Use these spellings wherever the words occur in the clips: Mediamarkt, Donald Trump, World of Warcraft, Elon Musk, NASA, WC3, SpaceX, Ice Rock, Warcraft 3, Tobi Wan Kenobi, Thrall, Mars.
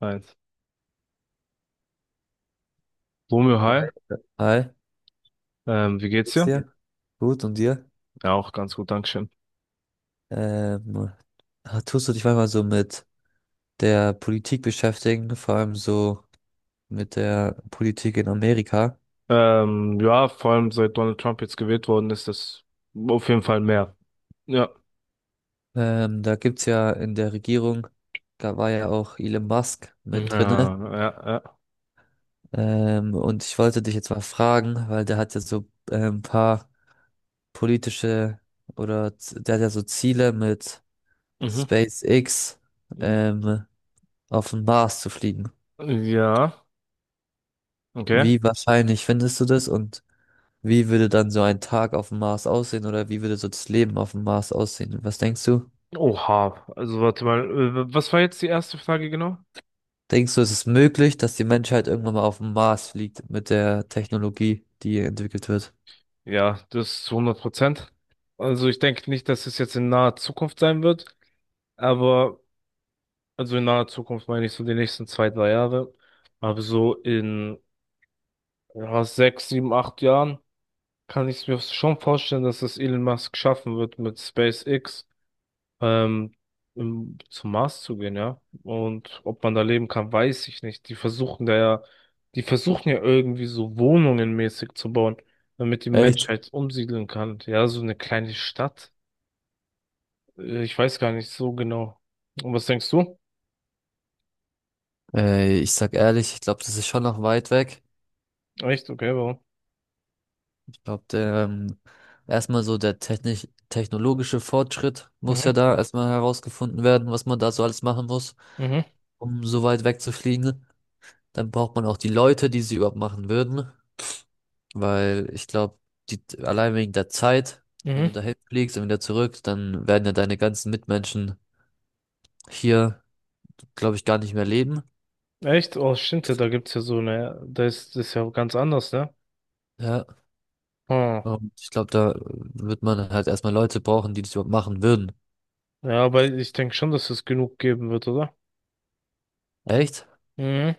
Eins. Romeo, Hi, hi. hi, Wie geht's geht's dir? dir? Gut, und dir? Ja, auch ganz gut, Dankeschön. Ähm, Tust du dich manchmal so mit der Politik beschäftigen, vor allem so mit der Politik in Amerika? Ja, vor allem seit Donald Trump jetzt gewählt worden ist, das auf jeden Fall mehr. Ja. Da gibt's ja in der Regierung, da war ja auch Elon Musk Mhm. mit drinne. Ja, ja. Und ich wollte dich jetzt mal fragen, weil der hat ja so ein paar politische der hat ja so Ziele mit Mhm. SpaceX Ja. ähm, auf den Mars zu fliegen. Mhm. Ja, okay. Wie wahrscheinlich findest du das und wie würde dann so ein Tag auf dem Mars aussehen oder wie würde so das Leben auf dem Mars aussehen? Was denkst du? Oha. Also warte mal, was war jetzt die erste Frage genau? Denkst du, es ist möglich, dass die Menschheit irgendwann mal auf dem Mars fliegt mit der Technologie, die entwickelt wird? Ja, das zu 100%. Also ich denke nicht, dass es jetzt in naher Zukunft sein wird, aber also in naher Zukunft meine ich so die nächsten 2, 3 Jahre, aber so in ja, 6, 7, 8 Jahren. Kann ich mir schon vorstellen, dass es Elon Musk schaffen wird, mit SpaceX ähm, zum Mars zu gehen, ja. Und ob man da leben kann, weiß ich nicht. Die versuchen ja irgendwie so Wohnungen mäßig zu bauen, damit die Echt? Menschheit umsiedeln kann. Ja, so eine kleine Stadt. Ich weiß gar nicht so genau. Und was denkst du? Ich sag ehrlich, ich glaube, das ist schon noch weit weg. Echt? Okay, warum? Ich glaube, erstmal so der technisch technologische Fortschritt muss Mhm, ja da erstmal herausgefunden werden, was man da so alles machen muss, mhm, um so weit weg zu fliegen. Dann braucht man auch die Leute, die sie überhaupt machen würden. Weil ich glaube, die allein wegen der Zeit, wenn mhm. du dahin fliegst und wieder zurück, dann werden ja deine ganzen Mitmenschen hier, glaube ich, gar nicht mehr leben. Echt? Oh, stimmt ja, da gibt's ja so eine, da ist das ja ganz anders, ne? Ja, Hm. und ich glaube, da wird man halt erstmal Leute brauchen, die das überhaupt machen würden. Ja, aber ich denke schon, dass es genug geben wird, oder? Echt? Mhm.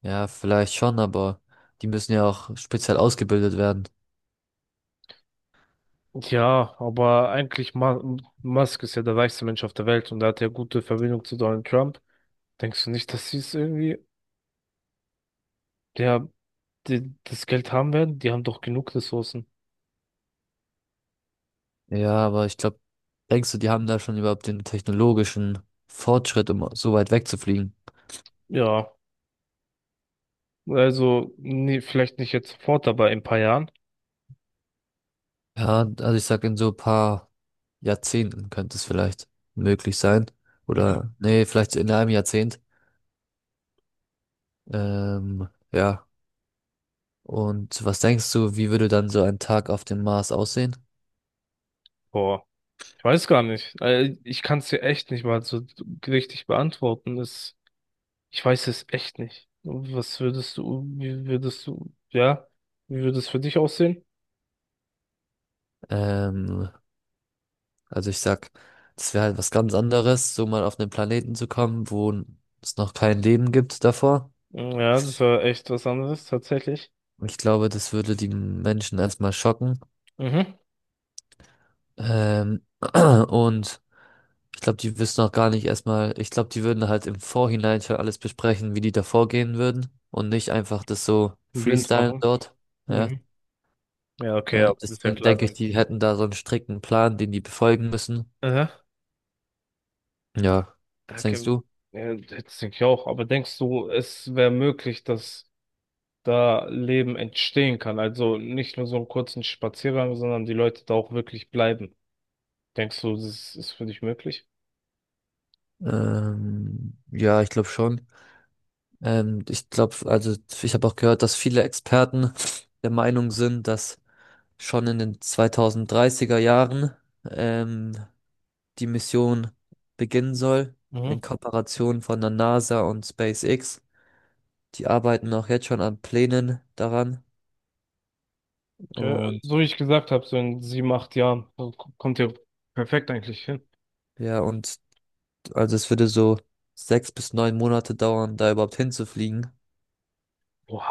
Ja, vielleicht schon, aber die müssen ja auch speziell ausgebildet werden. Ja, aber eigentlich Ma Musk ist ja der reichste Mensch auf der Welt, und er hat ja gute Verbindung zu Donald Trump. Denkst du nicht, dass sie es irgendwie, ja, das Geld haben werden? Die haben doch genug Ressourcen. Ja, aber ich glaube, denkst du, die haben da schon überhaupt den technologischen Fortschritt, um so weit wegzufliegen? Ja, also nee, vielleicht nicht jetzt sofort, aber in ein paar Jahren. Ja, also ich sag in so ein paar Jahrzehnten könnte es vielleicht möglich sein. Mhm. Oder, nee, vielleicht in einem Jahrzehnt. Ja. Und was denkst du, wie würde dann so ein Tag auf dem Mars aussehen? Boah, ich weiß gar nicht. Ich kann es dir echt nicht mal so richtig beantworten. Es Ich weiß es echt nicht. Was würdest du, wie würdest du, ja, wie würde es für dich aussehen? Ähm, also ich sag, das wäre halt was ganz anderes, so mal auf einen Planeten zu kommen, wo es noch kein Leben gibt davor. Mm, ja, das war echt was anderes, tatsächlich. Ich glaube, das würde die Menschen erstmal schocken. Mhm. Ähm, und ich glaube, die wissen auch gar nicht erstmal, ich glaube, die würden halt im Vorhinein schon alles besprechen, wie die da vorgehen würden und nicht einfach das so Blind freestylen machen. dort. Ja, Mhm. Ja, okay, ja, ist ja deswegen klar, denke ich, die dass. hätten da so einen strikten Plan, den die befolgen müssen. Aha. Ja, was denkst Okay. du? Ja, das denke ich auch. Aber denkst du, es wäre möglich, dass da Leben entstehen kann? Also nicht nur so einen kurzen Spaziergang, sondern die Leute da auch wirklich bleiben. Denkst du, das ist für dich möglich? Ja, ich glaube schon. Ich glaube, also ich habe auch gehört, dass viele Experten der Meinung sind, dass schon in den 2030er Jahren ähm, die Mission beginnen soll, Mhm. in Kooperation von der NASA und SpaceX. Die arbeiten auch jetzt schon an Plänen daran. Okay. Und So wie ich gesagt habe, so in 7, 8 Jahren so kommt ihr perfekt eigentlich hin. ja, und also es würde so sechs bis neun Monate dauern, da überhaupt hinzufliegen.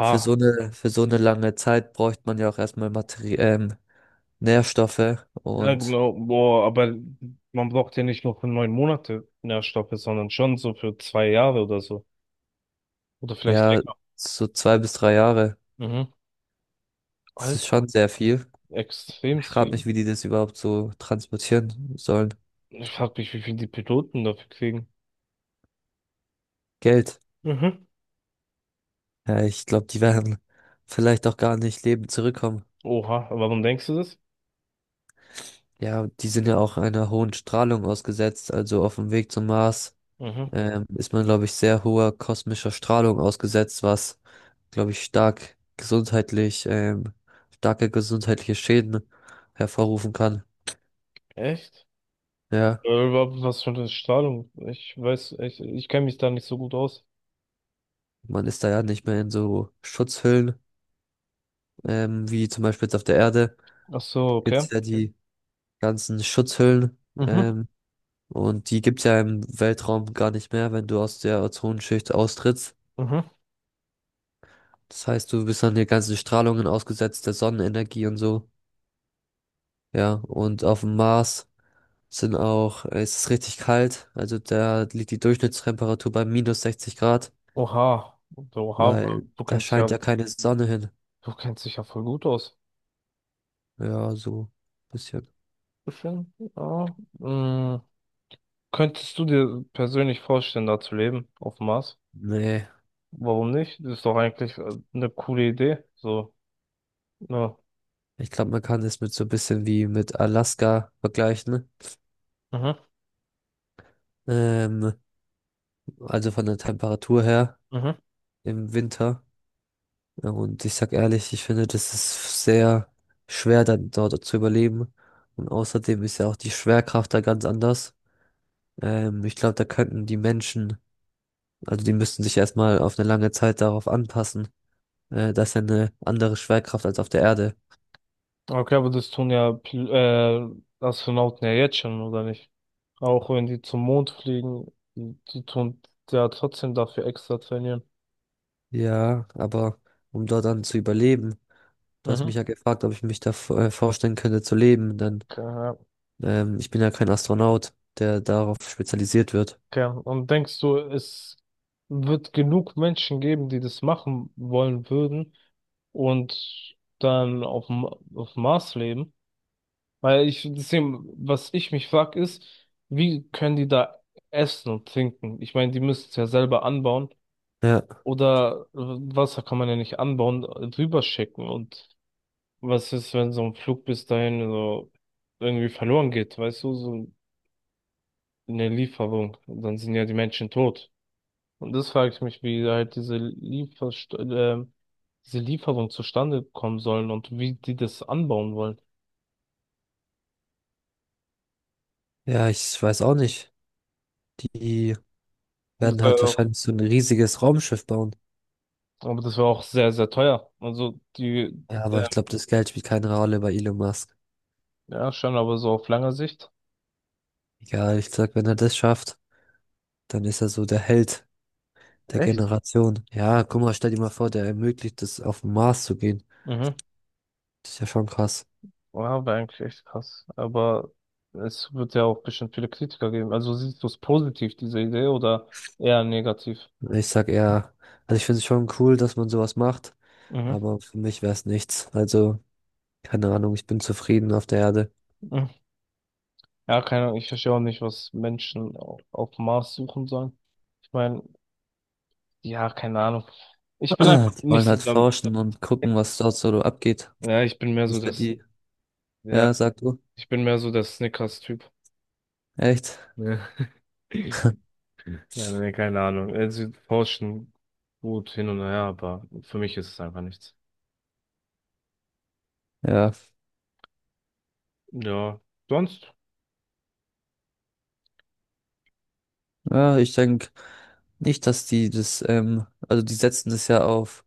Für so eine lange Zeit bräuchte man ja auch erstmal Materi Nährstoffe Ja, und genau. Boah, aber man braucht ja nicht nur für 9 Monate Nährstoffe, sondern schon so für 2 Jahre oder so. Oder vielleicht ja, länger. so zwei bis drei Jahre. Mhm. Das ist Alter, schon sehr viel. extrem Ich frage viel. mich, wie die das überhaupt so transportieren sollen. Ich frag mich, wie viel die Piloten dafür kriegen. Geld. Mhm. Ja, ich glaube, die werden vielleicht auch gar nicht lebend zurückkommen. Oha, aber warum denkst du das? Ja, die sind ja auch einer hohen Strahlung ausgesetzt. Also auf dem Weg zum Mars, Mhm. Ist man, glaube ich, sehr hoher kosmischer Strahlung ausgesetzt, was, glaube ich, starke gesundheitliche Schäden hervorrufen kann. Echt? Ja, Was für eine Strahlung? Ich weiß, ich kenne mich da nicht so gut aus. man ist da ja nicht mehr in so Schutzhüllen, wie zum Beispiel jetzt auf der Erde. Ach so, okay. Gibt's ja die ganzen Schutzhüllen. Mhm. ähm, Und die gibt's ja im Weltraum gar nicht mehr, wenn du aus der Ozonschicht austrittst. Mhm. Das heißt, du bist an den ganzen Strahlungen ausgesetzt, der Sonnenenergie und so. Ja, und auf dem Mars sind auch, es ist richtig kalt. Also da liegt die Durchschnittstemperatur bei minus 60 Grad, Oha, so, oha, weil du da kennst scheint ja, ja keine Sonne hin. du kennst dich ja voll gut aus. Ja, so ein bisschen. Bisschen, ja. Mm, könntest du dir persönlich vorstellen, da zu leben, auf dem Mars? Nee, Warum nicht? Das ist doch eigentlich eine coole Idee. So, ja. ich glaube, man kann es mit so ein bisschen wie mit Alaska vergleichen. Mhm, Ähm, also von der Temperatur her mhm. im Winter. Ja, und ich sag ehrlich, ich finde, das ist sehr schwer, dann dort zu überleben. Und außerdem ist ja auch die Schwerkraft da ganz anders. Ich glaube, da könnten die Menschen, also die müssten sich erstmal auf eine lange Zeit darauf anpassen. Das ist ja eine andere Schwerkraft als auf der Erde. Okay, aber das tun ja Astronauten ja jetzt schon, oder nicht? Auch wenn die zum Mond fliegen, die tun ja trotzdem dafür extra trainieren. Ja, aber um dort dann zu überleben, du hast mich Mhm. ja gefragt, ob ich mich da vorstellen könnte zu leben, denn Okay. Ich bin ja kein Astronaut, der darauf spezialisiert wird. Okay. Und denkst du, es wird genug Menschen geben, die das machen wollen würden und dann auf dem Mars leben? Weil ich, deswegen, was ich mich frag, ist, wie können die da essen und trinken? Ich meine, die müssen es ja selber anbauen Ja, oder Wasser kann man ja nicht anbauen, drüber schicken. Und was ist, wenn so ein Flug bis dahin so irgendwie verloren geht? Weißt du, so eine Lieferung, und dann sind ja die Menschen tot. Und das frage ich mich, wie halt diese Lieferst diese Lieferung zustande kommen sollen und wie die das anbauen wollen. ja, ich weiß auch nicht. Die Und das werden war ja halt auch, wahrscheinlich so ein riesiges Raumschiff bauen. aber das war auch sehr, sehr teuer. Also die, Ja, aber ich glaube, das Geld spielt keine Rolle bei Elon Musk. ja, schon, aber so auf lange Sicht. Egal, ich sag, wenn er das schafft, dann ist er so der Held der Echt? Generation. Ja, guck mal, stell dir mal vor, der ermöglicht es, auf den Mars zu gehen. Mhm. Das ist ja schon krass. Ja, wäre eigentlich echt krass. Aber es wird ja auch bestimmt viele Kritiker geben. Also siehst du es positiv, diese Idee, oder eher negativ? Ich sag eher, also ich finde es schon cool, dass man sowas macht, Mhm. aber für mich wäre es nichts. Also, keine Ahnung, ich bin zufrieden auf der Erde. Mhm. Ja, keine Ahnung, ich verstehe auch nicht, was Menschen auf dem Mars suchen sollen. Ich meine, ja, keine Ahnung. Ich bin einfach Die nicht wollen so halt der, forschen und gucken, was dort so abgeht. ja, ich bin mehr Das so ist für das, die. ja, Ja, sag du. ich bin mehr so der Snickers-Typ. Echt? Ja. Ja, nee, keine Ahnung. Sie forschen gut hin und her, aber für mich ist es einfach nichts. Ja. Ja, sonst? Ja, ich denke. Nicht, dass die das, also die setzen das ja auf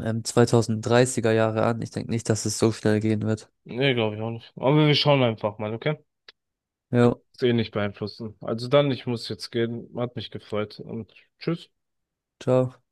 2030er Jahre an. Ich denke nicht, dass es so schnell gehen wird. Nee, glaube ich auch nicht. Aber wir schauen einfach mal, okay? Ja, Ist eh nicht beeinflussen. Also dann, ich muss jetzt gehen. Hat mich gefreut und tschüss. ciao.